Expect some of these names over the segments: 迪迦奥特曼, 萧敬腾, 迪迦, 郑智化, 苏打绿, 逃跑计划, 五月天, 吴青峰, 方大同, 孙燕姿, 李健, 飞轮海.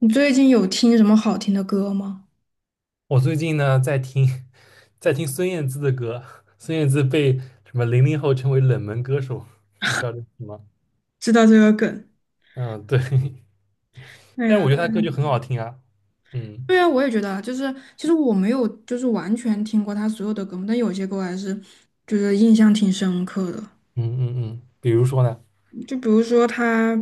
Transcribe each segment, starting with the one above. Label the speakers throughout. Speaker 1: 你最近有听什么好听的歌吗？
Speaker 2: 我最近呢在听，在听孙燕姿的歌，孙燕姿被什么零零后称为冷门歌手，你知道这是什么？
Speaker 1: 知道这个梗。
Speaker 2: 嗯，对，
Speaker 1: 哎
Speaker 2: 但是
Speaker 1: 呀，
Speaker 2: 我觉得她歌就很好听啊。嗯
Speaker 1: 对啊，我也觉得啊，就是其实我没有就是完全听过他所有的歌嘛，但有些歌我还是就是印象挺深刻的。
Speaker 2: 嗯，比如说呢？
Speaker 1: 就比如说他，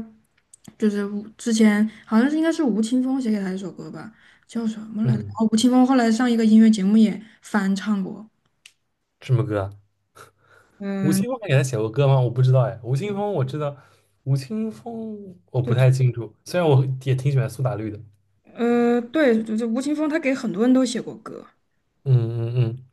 Speaker 1: 就是吴之前好像是应该是吴青峰写给他一首歌吧，叫什么来着？
Speaker 2: 嗯，
Speaker 1: 哦，吴青峰后来上一个音乐节目也翻唱过。
Speaker 2: 什么歌啊？吴
Speaker 1: 嗯，
Speaker 2: 青峰还给她写过歌吗？我不知道哎，吴
Speaker 1: 对，
Speaker 2: 青峰我知道，吴青峰我不太清楚，虽然我也挺喜欢苏打绿的。
Speaker 1: 对，就是吴青峰，他给很多人都写过歌。
Speaker 2: 嗯嗯嗯，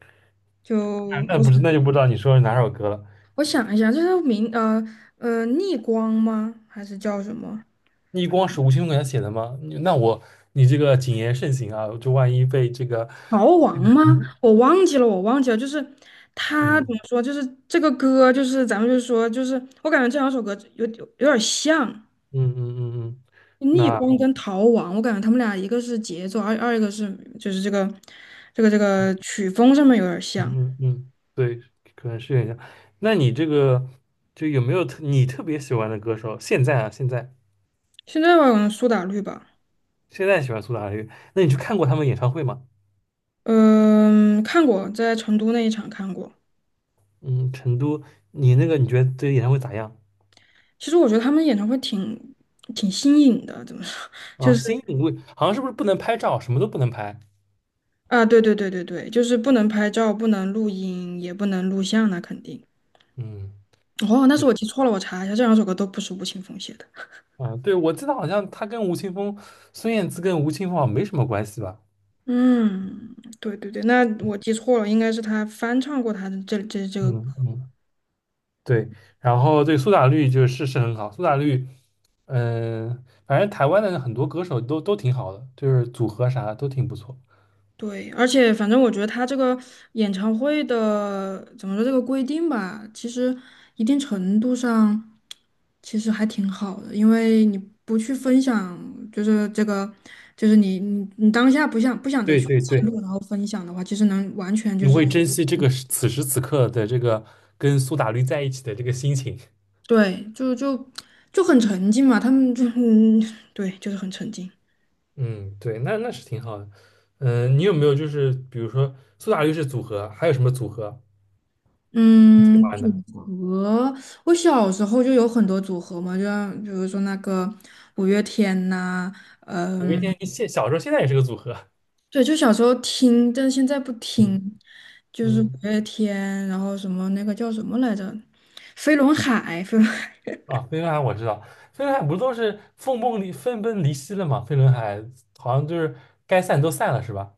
Speaker 1: 就，
Speaker 2: 那
Speaker 1: 我
Speaker 2: 不是，那就不知道你说是哪首歌了。
Speaker 1: 我想一下，这是明，逆光吗？还是叫什么
Speaker 2: 逆光是吴青峰给他写的吗？你那我你这个谨言慎行啊，就万一被这个，
Speaker 1: 逃亡吗？
Speaker 2: 嗯
Speaker 1: 我忘记了，我忘记了。就是他怎
Speaker 2: 嗯
Speaker 1: 么说？就是这个歌，就是咱们就是说，就是我感觉这两首歌有有点像
Speaker 2: 嗯嗯嗯，
Speaker 1: 逆光
Speaker 2: 那，
Speaker 1: 跟逃亡。我感觉他们俩一个是节奏，一个是就是这个这个曲风上面有点像。
Speaker 2: 嗯嗯嗯，对，可能是有点像。那你这个，就有没有特别喜欢的歌手？现在啊，现在，
Speaker 1: 现在吧，可能苏打绿吧。
Speaker 2: 现在喜欢苏打绿。那你去看过他们演唱会吗？
Speaker 1: 嗯、看过，在成都那一场看过。
Speaker 2: 嗯，成都。你那个，你觉得这个演唱会咋样？
Speaker 1: 其实我觉得他们演唱会挺挺新颖的，怎么说？
Speaker 2: 啊？
Speaker 1: 就是。
Speaker 2: 新颖，味好像是不是不能拍照，什么都不能拍？
Speaker 1: 啊，对，就是不能拍照，不能录音，也不能录像，那肯定。
Speaker 2: 嗯。
Speaker 1: 哦，那是
Speaker 2: 对。
Speaker 1: 我记错了，我查一下，这两首歌都不是吴青峰写的。
Speaker 2: 啊，对，我记得好像他跟吴青峰、孙燕姿跟吴青峰好像没什么关系吧？
Speaker 1: 嗯，对，那我记错了，应该是他翻唱过他的这个。
Speaker 2: 嗯嗯，对。然后对苏打绿就是是很好，苏打绿，嗯、反正台湾的很多歌手都挺好的，就是组合啥的都挺不错。
Speaker 1: 对，而且反正我觉得他这个演唱会的怎么说这个规定吧，其实一定程度上其实还挺好的。因为你不去分享，就是这个，就是你当下不想再
Speaker 2: 对
Speaker 1: 去
Speaker 2: 对
Speaker 1: 记
Speaker 2: 对，
Speaker 1: 录，然后分享的话，其实能完全
Speaker 2: 你
Speaker 1: 就是
Speaker 2: 会珍惜这个时，此时此刻的这个跟苏打绿在一起的这个心情。
Speaker 1: 对，就很沉浸嘛，他们就 嗯，对，就是很沉浸。
Speaker 2: 嗯，对，那那是挺好的。嗯、你有没有就是比如说苏打绿是组合，还有什么组合你喜
Speaker 1: 嗯，
Speaker 2: 欢的？
Speaker 1: 组合。我小时候就有很多组合嘛，就像比如说那个五月天呐、
Speaker 2: 五月
Speaker 1: 嗯，
Speaker 2: 天现，小时候现在也是个组合。
Speaker 1: 对，就小时候听，但是现在不
Speaker 2: 嗯
Speaker 1: 听，就是五
Speaker 2: 嗯。
Speaker 1: 月天，然后什么那个叫什么来着，飞轮海
Speaker 2: 啊，飞轮海我知道。飞轮海不是都是分崩离析了吗？飞轮海好像就是该散都散了，是吧？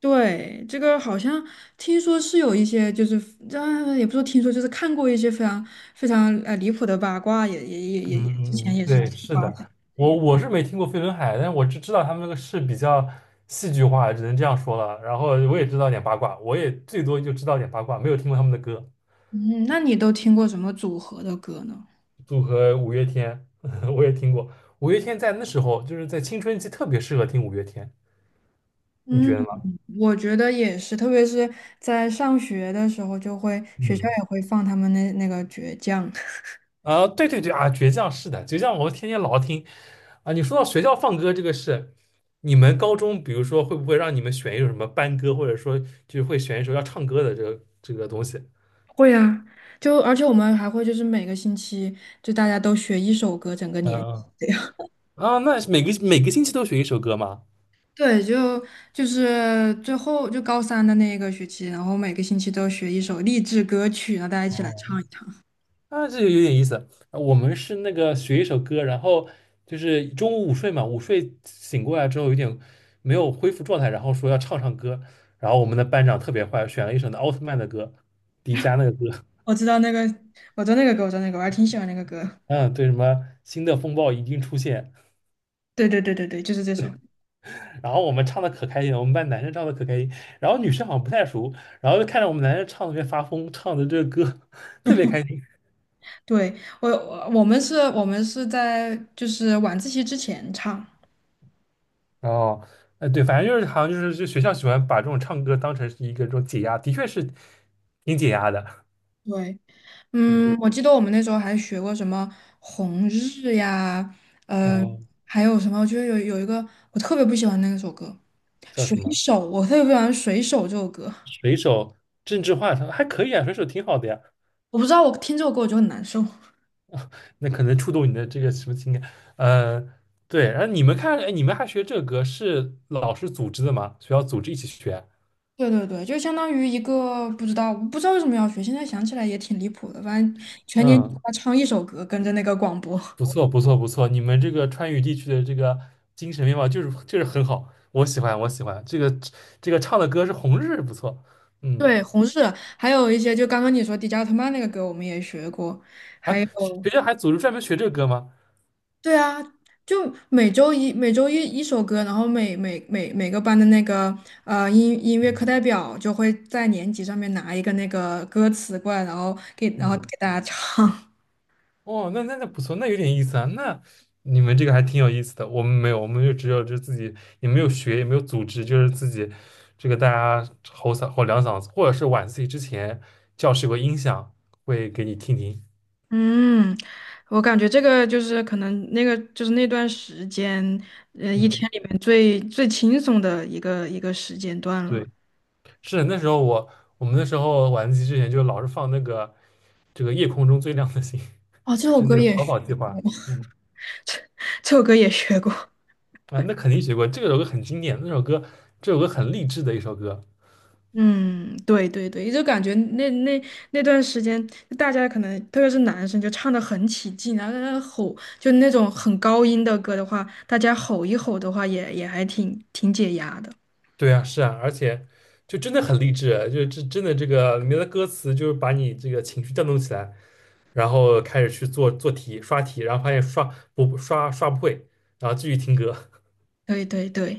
Speaker 1: 对，这个好像听说是有一些，就是啊，也不说听说，就是看过一些非常非常离谱的八卦，也也也
Speaker 2: 嗯
Speaker 1: 也也之
Speaker 2: 嗯，
Speaker 1: 前
Speaker 2: 嗯，
Speaker 1: 也是
Speaker 2: 对，是
Speaker 1: 八卦
Speaker 2: 的。
Speaker 1: 的。
Speaker 2: 我，是没听过飞轮海，但是我只知道他们那个是比较戏剧化，只能这样说了。然后我也知道点八卦，我也最多就知道点八卦，没有听过他们的歌。
Speaker 1: 嗯，那你都听过什么组合的歌呢？
Speaker 2: 组合五月天，我也听过。五月天在那时候就是在青春期特别适合听五月天，你觉
Speaker 1: 嗯，
Speaker 2: 得吗？
Speaker 1: 我觉得也是，特别是在上学的时候，就会学校
Speaker 2: 嗯，
Speaker 1: 也会放他们那个倔强。
Speaker 2: 啊，对对对啊，倔强，是的，倔强我天天老听啊。你说到学校放歌这个事，你们高中比如说会不会让你们选一首什么班歌，或者说就是会选一首要唱歌的这个东西？
Speaker 1: 会啊，就而且我们还会就是每个星期就大家都学一首歌，整个年级
Speaker 2: 嗯，
Speaker 1: 这样。
Speaker 2: 啊，那是每个星期都学一首歌吗？
Speaker 1: 对，就是最后就高三的那一个学期，然后每个星期都学一首励志歌曲，然后大家一起来
Speaker 2: 哦，
Speaker 1: 唱一唱。
Speaker 2: 那这就有点意思。我们是那个学一首歌，然后就是中午午睡嘛，午睡醒过来之后有点没有恢复状态，然后说要唱歌，然后我们的班长特别坏，选了一首那奥特曼的歌，迪迦那个歌。
Speaker 1: 我知道那个，我知道那个歌，我知道那个，我还挺喜欢那个歌。
Speaker 2: 嗯，对，什么新的风暴一定出现，
Speaker 1: 对，就是这首。
Speaker 2: 然后我们唱的可开心了，我们班男生唱的可开心，然后女生好像不太熟，然后就看着我们男生唱的特别发疯，唱的这个歌 特别开心。
Speaker 1: 对，我们是，我们是在就是晚自习之前唱。
Speaker 2: 哦，后，对，反正就是好像就是就学校喜欢把这种唱歌当成是一个这种解压，的确是挺解压的。
Speaker 1: 对，
Speaker 2: 嗯，
Speaker 1: 嗯，我记得我们那时候还学过什么红日呀，呃，
Speaker 2: 哦，
Speaker 1: 还有什么，我觉得一个我特别不喜欢那首歌
Speaker 2: 叫
Speaker 1: 《水
Speaker 2: 什么？
Speaker 1: 手》，我特别不喜欢《水手》这首歌，
Speaker 2: 水手，郑智化唱还可以啊，水手挺好的呀。
Speaker 1: 我不知道我听这首歌我就很难受。
Speaker 2: 那可能触动你的这个什么情感？呃，对。然后你们看，哎，你们还学这个歌是老师组织的吗？学校组织一起学？
Speaker 1: 对，就相当于一个，不知道为什么要学，现在想起来也挺离谱的。反正全年级
Speaker 2: 嗯，
Speaker 1: 他唱一首歌，跟着那个广播。
Speaker 2: 不错，不错，不错。你们这个川渝地区的这个精神面貌就是就是很好，我喜欢，我喜欢。这个这个唱的歌是《红日》，不错。嗯，
Speaker 1: 对，红日，还有一些，就刚刚你说迪迦奥特曼那个歌，我们也学过，还
Speaker 2: 哎，
Speaker 1: 有。
Speaker 2: 学校还组织专门学这个歌吗？
Speaker 1: 对啊，就每周一一首歌，然后每个班的那个音乐课
Speaker 2: 嗯
Speaker 1: 代表就会在年级上面拿一个那个歌词过来，然后然后给
Speaker 2: 嗯。
Speaker 1: 大家唱。
Speaker 2: 哦，那那不错，那有点意思啊。那你们这个还挺有意思的，我们没有，我们就只有就自己也没有学，也没有组织，就是自己这个大家吼嗓，吼两嗓子，或者是晚自习之前教室有个音响会给你听听。
Speaker 1: 嗯，我感觉这个就是可能那个就是那段时间，呃，一
Speaker 2: 嗯，
Speaker 1: 天里面最轻松的一个时间段了。
Speaker 2: 对，是那时候，我们那时候晚自习之前就老是放那个这个夜空中最亮的星，
Speaker 1: 哦，这首
Speaker 2: 就那
Speaker 1: 歌
Speaker 2: 个
Speaker 1: 也
Speaker 2: 逃
Speaker 1: 是
Speaker 2: 跑计划。嗯，
Speaker 1: 这首歌也学过。
Speaker 2: 啊，那肯定学过，这个首歌很经典，那首歌，这首歌很励志的一首歌。
Speaker 1: 嗯，对对对，就感觉那段时间，大家可能特别是男生就唱的很起劲，然后在那吼，就那种很高音的歌的话，大家吼一吼的话也，也还挺挺解压的。
Speaker 2: 对啊，是啊，而且就真的很励志啊，就是这真的这个里面的歌词，就是把你这个情绪调动起来，然后开始去做做题、刷题，然后发现刷，刷不会，然后继续听歌。
Speaker 1: 对对对，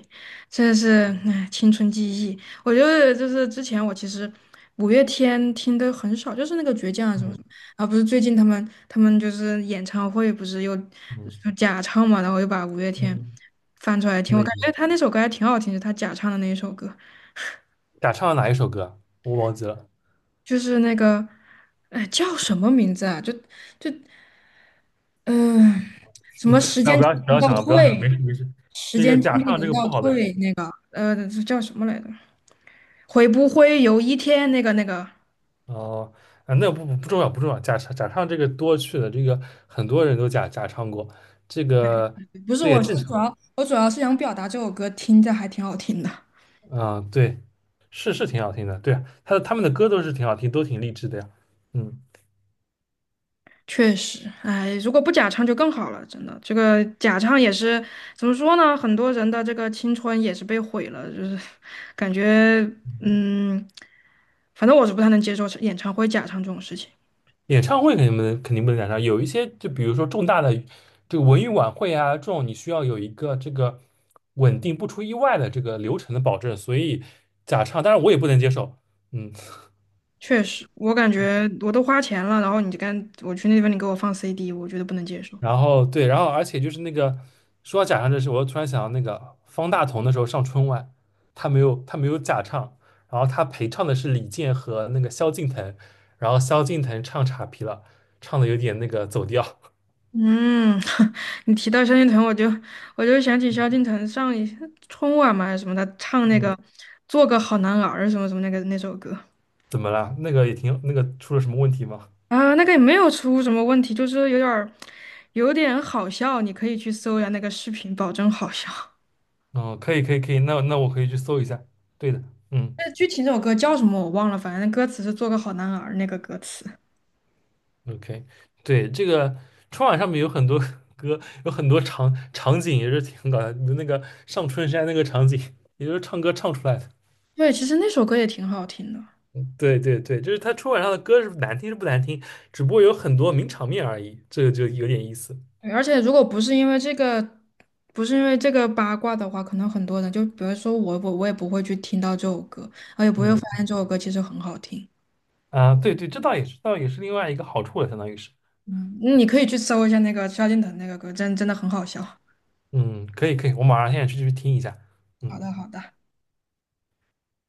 Speaker 1: 这是哎青春记忆。我觉得就是之前我其实五月天听的很少，就是那个倔强 啊什么什
Speaker 2: 嗯
Speaker 1: 么，然后不是最近他们就是演唱会不是又
Speaker 2: 嗯
Speaker 1: 就假唱嘛，然后又把五月天
Speaker 2: 嗯，
Speaker 1: 翻出来听，我
Speaker 2: 那
Speaker 1: 感
Speaker 2: 个
Speaker 1: 觉他那首歌还挺好听的，他假唱的那一首歌，
Speaker 2: 假唱的哪一首歌啊？我忘记了。
Speaker 1: 就是那个，哎，叫什么名字啊？就，嗯、什么时
Speaker 2: 不要
Speaker 1: 间
Speaker 2: 不
Speaker 1: 真
Speaker 2: 要
Speaker 1: 的
Speaker 2: 不
Speaker 1: 能
Speaker 2: 要
Speaker 1: 倒
Speaker 2: 想了，不要想了，没
Speaker 1: 退，
Speaker 2: 事没事。
Speaker 1: 时
Speaker 2: 这个
Speaker 1: 间真
Speaker 2: 假
Speaker 1: 的
Speaker 2: 唱这
Speaker 1: 能
Speaker 2: 个
Speaker 1: 倒
Speaker 2: 不好的事
Speaker 1: 退
Speaker 2: 情。
Speaker 1: 那个，叫什么来着？会不会有一天那个？
Speaker 2: 哦，啊，那不不不重要，不重要。假唱，假唱这个多去了，这个很多人都假唱过，这个，
Speaker 1: 不是，
Speaker 2: 这也正常。
Speaker 1: 我主要是想表达这首歌听着还挺好听的。
Speaker 2: 嗯，对，是是挺好听的，对啊，他他们的歌都是挺好听，都挺励志的呀。嗯，
Speaker 1: 确实，哎，如果不假唱就更好了，真的。这个假唱也是怎么说呢？很多人的这个青春也是被毁了，就是感觉，嗯，反正我是不太能接受演唱会假唱这种事情。
Speaker 2: 演唱会肯定不能，肯定不能赶上，有一些就比如说重大的这个文艺晚会啊，这种你需要有一个这个稳定不出意外的这个流程的保证，所以假唱，当然我也不能接受。嗯。
Speaker 1: 确实，我感觉我都花钱了，然后你就干，我去那边你给我放 CD,我觉得不能接受。
Speaker 2: 然后对，然后而且就是那个，说到假唱这事，我又突然想到那个方大同的时候上春晚，他没有，没有假唱，然后他陪唱的是李健和那个萧敬腾，然后萧敬腾唱岔劈了，唱的有点那个走调，
Speaker 1: 嗯，你提到萧敬腾，我就想起萧敬腾上一春晚嘛还是什么，他唱那个
Speaker 2: 嗯，
Speaker 1: 《做个好男儿》什么什么那个那首歌。
Speaker 2: 怎么了？那个也挺那个，出了什么问题吗？
Speaker 1: 啊，那个也没有出什么问题，就是有点儿有点好笑，你可以去搜一下那个视频，保证好笑。
Speaker 2: 嗯，可以可以可以，那那我可以去搜一下。对的，嗯。
Speaker 1: 那具体那首歌叫什么我忘了，反正歌词是“做个好男儿”那个歌词。
Speaker 2: OK,对，这个春晚上面有很多 歌，有很多场景也是挺搞笑的。那个上春山那个场景，也就是唱歌唱出来的。
Speaker 1: 对，其实那首歌也挺好听的。
Speaker 2: 对对对，就是他春晚上的歌是难听是不难听，只不过有很多名场面而已，这个就有点意思。
Speaker 1: 对，而且如果不是因为这个，不是因为这个八卦的话，可能很多人就比如说我，也不会去听到这首歌，我也不会发
Speaker 2: 嗯，
Speaker 1: 现这首歌其实很好听。
Speaker 2: 啊，对对，这倒也是，倒也是另外一个好处了，相当于是。
Speaker 1: 嗯，你可以去搜一下那个萧敬腾那个歌，真真的很好笑。
Speaker 2: 嗯，可以可以，我马上现在去去听一下。
Speaker 1: 好
Speaker 2: 嗯。
Speaker 1: 的，好的。